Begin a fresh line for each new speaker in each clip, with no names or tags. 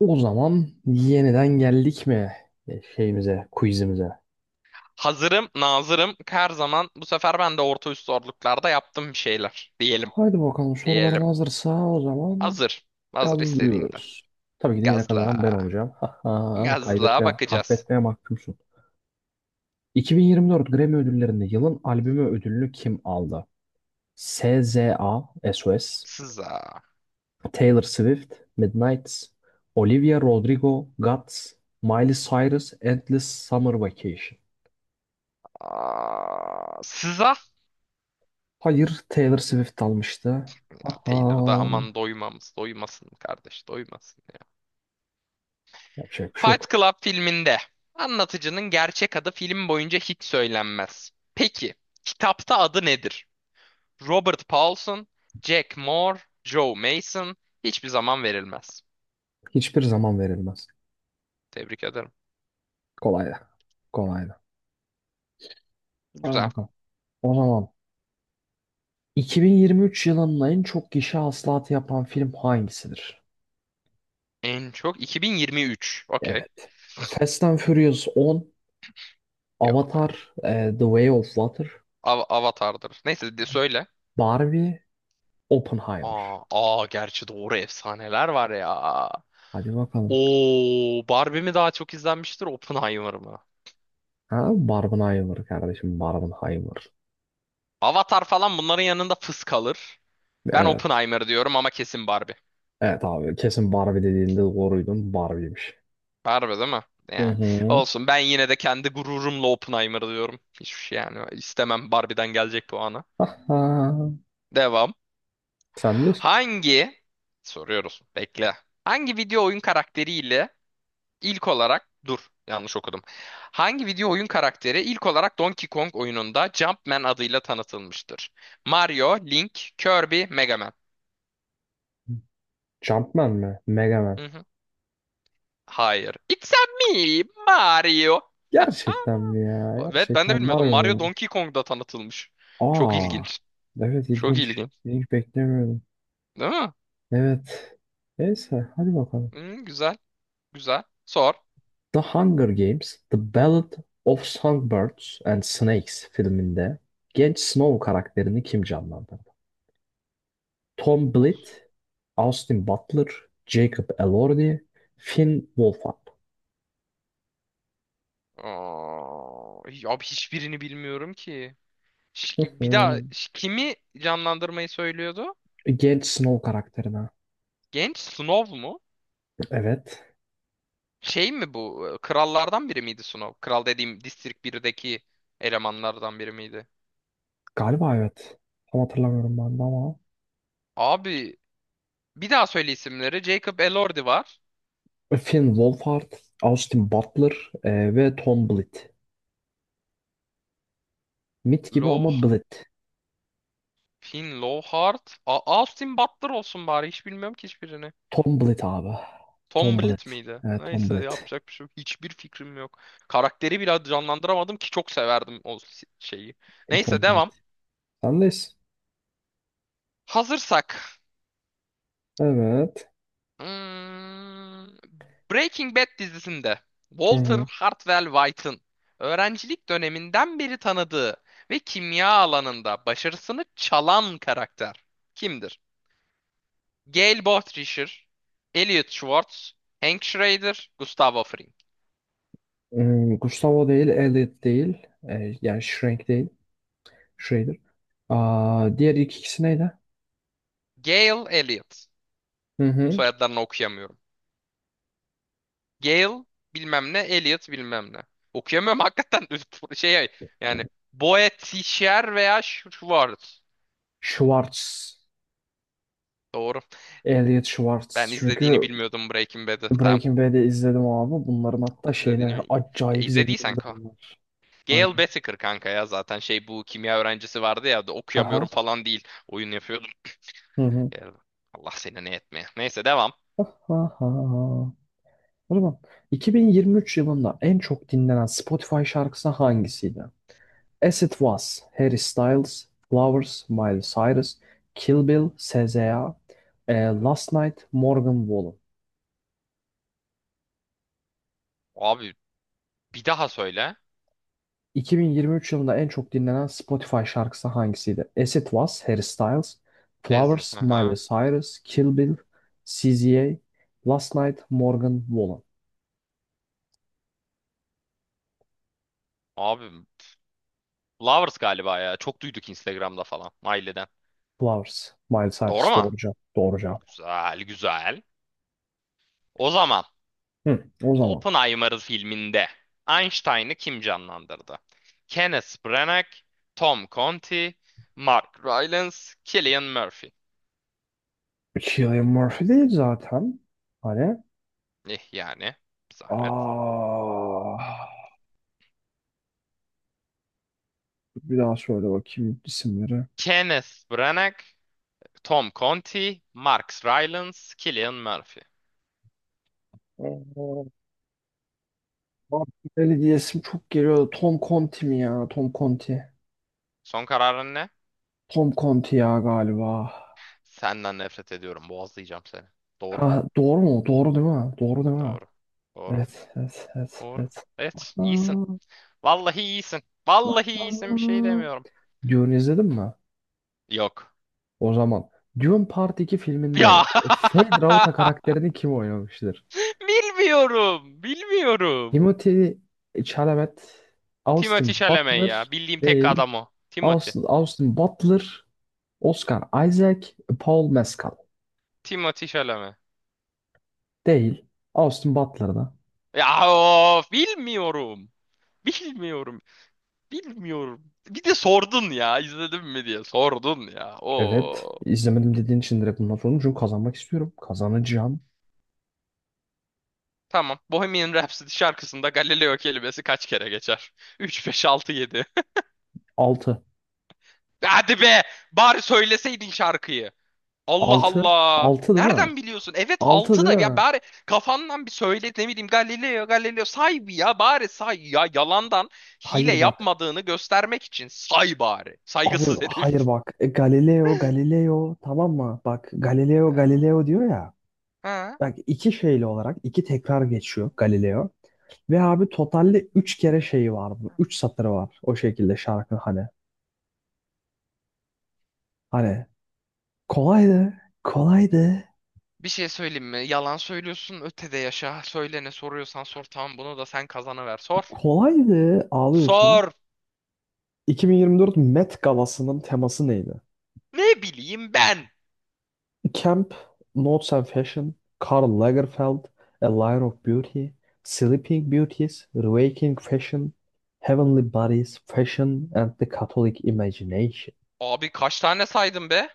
O zaman yeniden geldik mi şeyimize, quizimize?
Hazırım, nazırım. Her zaman bu sefer ben de orta üst zorluklarda yaptım bir şeyler. Diyelim,
Haydi bakalım soruların
diyelim.
hazırsa o zaman
Hazır, hazır istediğinde.
gazlıyoruz. Tabii ki de yine kazanan ben
Gazla,
olacağım. Ha, ha.
gazla
Kaybetmeye,
bakacağız.
kahvetmeye mahkumsun. 2024 Grammy ödüllerinde yılın albümü ödülünü kim aldı? SZA, SOS,
Sıza.
Taylor Swift, Midnights, Olivia Rodrigo, Guts, Miley Cyrus, Endless Summer Vacation.
Aa, sıza.
Hayır, Taylor Swift almıştı.
Ya Taylor da
Aha.
aman doymasın kardeş, doymasın ya.
Yapacak bir şey yok.
Fight Club filminde anlatıcının gerçek adı film boyunca hiç söylenmez. Peki, kitapta adı nedir? Robert Paulson, Jack Moore, Joe Mason hiçbir zaman verilmez.
Hiçbir zaman verilmez.
Tebrik ederim.
Kolay da. Kolay da. Hadi
Güzel.
bakalım. O zaman 2023 yılının en çok gişe hasılatı yapan film hangisidir?
En çok 2023. Okey.
Evet. Fast and Furious 10,
Yok be.
Avatar, The Way of Water,
Avatar'dır. Neyse de söyle.
Barbie, Oppenheimer.
Aa, gerçi doğru efsaneler var ya.
Hadi bakalım.
Oo, Barbie mi daha çok izlenmiştir, Oppenheimer mı?
Ha, Barbenheimer kardeşim, Barbenheimer.
Avatar falan bunların yanında fıs kalır. Ben
Evet.
Oppenheimer diyorum ama kesin Barbie.
Evet abi kesin Barbie dediğinde doğruydun. Barbie'ymiş.
Barbie değil mi?
Hı
Ya.
hı.
Olsun ben yine de kendi gururumla Oppenheimer diyorum. Hiç yani istemem Barbie'den gelecek puanı.
Aha.
Devam.
Sen de
Hangi soruyoruz. Bekle. Hangi video oyun karakteriyle ilk olarak dur yanlış okudum. Hangi video oyun karakteri ilk olarak Donkey Kong oyununda Jumpman adıyla tanıtılmıştır? Mario, Link, Kirby, Mega Man.
Jumpman mi? Mega Man.
Hı hı. Hayır. It's a me, Mario. Ha?
Gerçekten mi ya?
Evet ben de
Gerçekten var
bilmiyordum. Mario
mı?
Donkey Kong'da tanıtılmış. Çok
Aa,
ilginç.
evet
Çok
ilginç.
ilginç.
İlginç beklemiyordum.
Değil mi?
Evet. Neyse hadi bakalım.
Hı, güzel. Güzel. Sor.
The Hunger Games, The Ballad of Songbirds and Snakes filminde genç Snow karakterini kim canlandırdı? Tom
Of.
Blyth, Austin Butler, Jacob Elordi, Finn Wolfhard.
Aa, abi hiçbirini bilmiyorum ki. Ş- Bir daha
Hmm.
kimi canlandırmayı söylüyordu?
Genç Snow karakterine.
Genç Snow mu?
Evet.
Şey mi bu? Krallardan biri miydi Snow? Kral dediğim District 1'deki elemanlardan biri miydi?
Galiba evet. Tam hatırlamıyorum ben de ama.
Abi bir daha söyle isimleri. Jacob Elordi var.
Finn Wolfhard, Austin Butler ve Tom Blitt. Mit gibi
Low,
ama Blitt.
Finn Lowheart. Austin Butler olsun bari. Hiç bilmiyorum ki hiçbirini.
Tom Blitt abi.
Tom
Tom Blitt.
Blyth miydi?
Evet, Tom
Neyse
Blitt.
yapacak bir şey yok. Hiçbir fikrim yok. Karakteri bile canlandıramadım ki çok severdim o şeyi. Neyse
Tom
devam.
Blitt. Sendeyiz.
Hazırsak.
Evet.
Hmm, Breaking Bad dizisinde
Hı
Walter
hı.
Hartwell White'ın öğrencilik döneminden beri tanıdığı ve kimya alanında başarısını çalan karakter kimdir? Gail Bothrischer, Elliot Schwartz, Hank Schrader, Gustavo Fring.
Hmm, Gustavo değil, Elliot değil. E, yani Schrank değil. Schrader. Aa, diğer ilk ikisi neydi?
Gail Elliot.
Hı hı.
Soyadlarını okuyamıyorum. Gail bilmem ne, Elliot bilmem ne. Okuyamıyorum hakikaten şey yani Boetticher veya Schwartz.
Schwartz.
Doğru.
Elliot Schwartz.
Ben izlediğini
Çünkü
bilmiyordum Breaking Bad'ı. Tamam.
Breaking Bad'i izledim abi. Bunların hatta şeyine
İzlediğini...
acayip
izlediysen
zengindi
ka.
bunlar. Hani.
Gail Whittaker kanka ya zaten şey bu kimya öğrencisi vardı ya da
Haha.
okuyamıyorum falan değil. Oyun yapıyordum.
Hı hı.
Gale- Allah seni ne etmeye. Neyse devam.
Ha ha. Ha. O zaman 2023 yılında en çok dinlenen Spotify şarkısı hangisiydi? As It Was, Harry Styles, Flowers, Miley Cyrus, Kill Bill, SZA, e, Last Night, Morgan Wallen.
Abi bir daha söyle.
2023 yılında en çok dinlenen Spotify şarkısı hangisiydi? As It Was, Harry Styles,
Ezin.
Flowers, Miley
Aha.
Cyrus, Kill Bill, SZA, Last Night, Morgan Wallen.
Abi Lovers galiba ya. Çok duyduk Instagram'da falan. Aileden.
Flowers, Miley
Doğru
Cyrus
mu?
doğru cevap. Doğru cevap.
Güzel güzel. O zaman.
Hı, o zaman.
Oppenheimer filminde Einstein'ı kim canlandırdı? Kenneth Branagh, Tom Conti, Mark Rylance, Cillian Murphy.
Cillian Murphy değil zaten. Hani.
Eh yani zahmet.
Aa, bir daha söyle bakayım isimleri.
Kenneth Branagh, Tom Conti, Mark Rylance, Cillian Murphy.
Aa, Martinelli diye isim çok geliyor. Tom Conti mi ya? Tom Conti.
Son kararın ne?
Tom Conti ya galiba.
Senden nefret ediyorum. Boğazlayacağım seni. Doğru.
Ha, doğru mu? Doğru değil mi? Doğru değil mi?
Doğru. Doğru.
Evet, evet, evet,
Doğru.
evet.
Evet,
Aa,
iyisin. Vallahi iyisin.
ah,
Vallahi iyisin bir şey
ah.
demiyorum.
Dune izledin mi?
Yok.
O zaman. Dune Part 2 filminde
Ya.
Fade Rauta karakterini kim oynamıştır?
Bilmiyorum. Bilmiyorum.
Timothy Chalamet,
Timothy
Austin
Chalamet ya.
Butler
Bildiğim tek
değil.
adam o. Timothy.
Austin Butler, Oscar Isaac, Paul Mescal
Timothy Chalamet.
değil. Austin Butler'da.
Ya of bilmiyorum. Bilmiyorum. Bilmiyorum. Bir de sordun ya izledim mi diye sordun ya.
Evet.
Oo.
izlemedim dediğin için direkt bundan sordum. Çünkü kazanmak istiyorum. Kazanacağım.
Tamam. Bohemian Rhapsody şarkısında Galileo kelimesi kaç kere geçer? 3, 5, 6, 7.
Altı,
Hadi be! Bari söyleseydin şarkıyı. Allah
altı,
Allah.
altı değil mi?
Nereden biliyorsun? Evet
Altı
6
değil
da ya
mi?
bari kafandan bir söyle ne bileyim Galileo Galileo say bir ya bari say ya yalandan hile
Hayır bak.
yapmadığını göstermek için say bari.
Abi
Saygısız
hayır
herif.
bak. Galileo Galileo tamam mı? Bak Galileo Galileo diyor
Ha?
ya.
Ha.
Bak iki şeyli olarak iki tekrar geçiyor Galileo. Ve abi totalde üç kere şeyi var bu. Üç satırı var o şekilde şarkı hani. Hani kolaydı, kolaydı,
Bir şey söyleyeyim mi? Yalan söylüyorsun ötede yaşa. Söyle ne soruyorsan sor tamam bunu da sen kazanıver sor.
kolaydı ağlıyorsun.
Sor.
2024 Met Galası'nın teması neydi?
Ne bileyim ben.
Camp, Notes and Fashion, Karl Lagerfeld, A Line of Beauty, Sleeping Beauties, Waking Fashion, Heavenly Bodies, Fashion and the Catholic Imagination.
Abi kaç tane saydım be?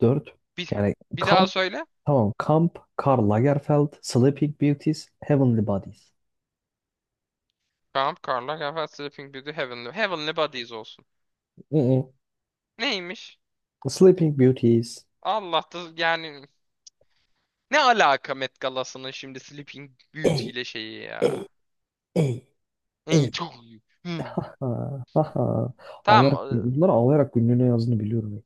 Dört.
Bir,
Yani
bir daha
kamp.
söyle.
Tamam. Camp, Karl Lagerfeld, Sleeping Beauties, Heavenly Bodies.
Kamp Karlar Gaffer Sleeping Beauty Heavenly. Heavenly Bodies olsun.
Mm-mm.
Neymiş?
Sleeping Beauties.
Allah da yani ne alaka Met Gala'sının şimdi Sleeping Beauty
Ey,
ile şeyi
ey,
ya.
ey,
İyi
ey.
çok iyi. Hmm.
Ha, ha, ha. Ağlayarak,
Tamam.
bunları ağlayarak günlüğüne yazdığını biliyorum.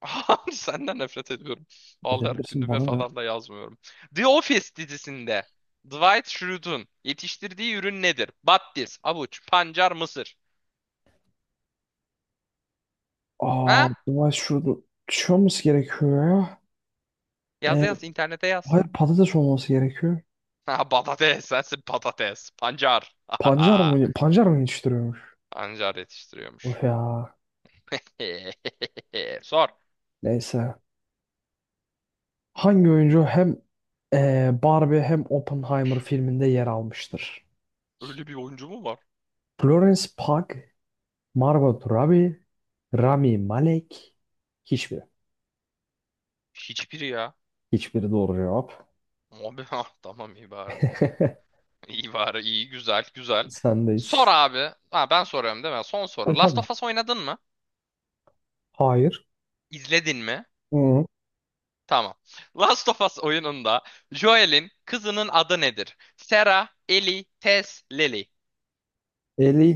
Senden nefret ediyorum. Ağlayarak
Edebilirsin
gündeme
bana ne?
falan da yazmıyorum. The Office dizisinde Dwight Schrute'un yetiştirdiği ürün nedir? Battis, avuç, pancar, mısır.
Aa,
Ha?
Dubai şurada şey olması gerekiyor ya.
Yaz
Ee,
yaz internete yaz.
hayır patates olması gerekiyor.
Ha, patates sensin patates. Pancar.
Pancar mı, pancar mı yetiştiriyormuş?
Pancar yetiştiriyormuş.
Of ya.
Sor.
Neyse. Hangi oyuncu hem Barbie hem Oppenheimer filminde yer almıştır?
Öyle bir oyuncu mu var?
Florence Pugh, Margot Robbie, Rami Malek. Hiçbiri.
Hiçbiri ya.
Hiçbiri doğru cevap.
Abi ah, tamam iyi bari. İyi bari iyi güzel güzel. Sor
Sendeyiz.
abi. Ha, ben soruyorum değil mi? Son
E
soru. Last
tamam.
of Us oynadın mı?
Hayır.
İzledin mi?
Hı.
Tamam. Last of Us oyununda Joel'in kızının adı nedir? Sarah, Ellie, Tess, Lily.
50.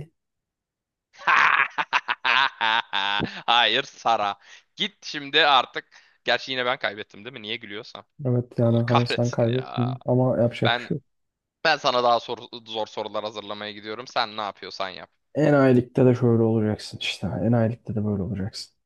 Hayır Sara. Git şimdi artık. Gerçi yine ben kaybettim değil mi? Niye gülüyorsam.
Evet
Allah
yani hani sen
kahretsin ya.
kaybettin ama yapacak bir
Ben
şey yok.
Ben sana daha zor sorular hazırlamaya gidiyorum. Sen ne yapıyorsan yap.
Enayilikte de şöyle olacaksın işte. Enayilikte de böyle olacaksın.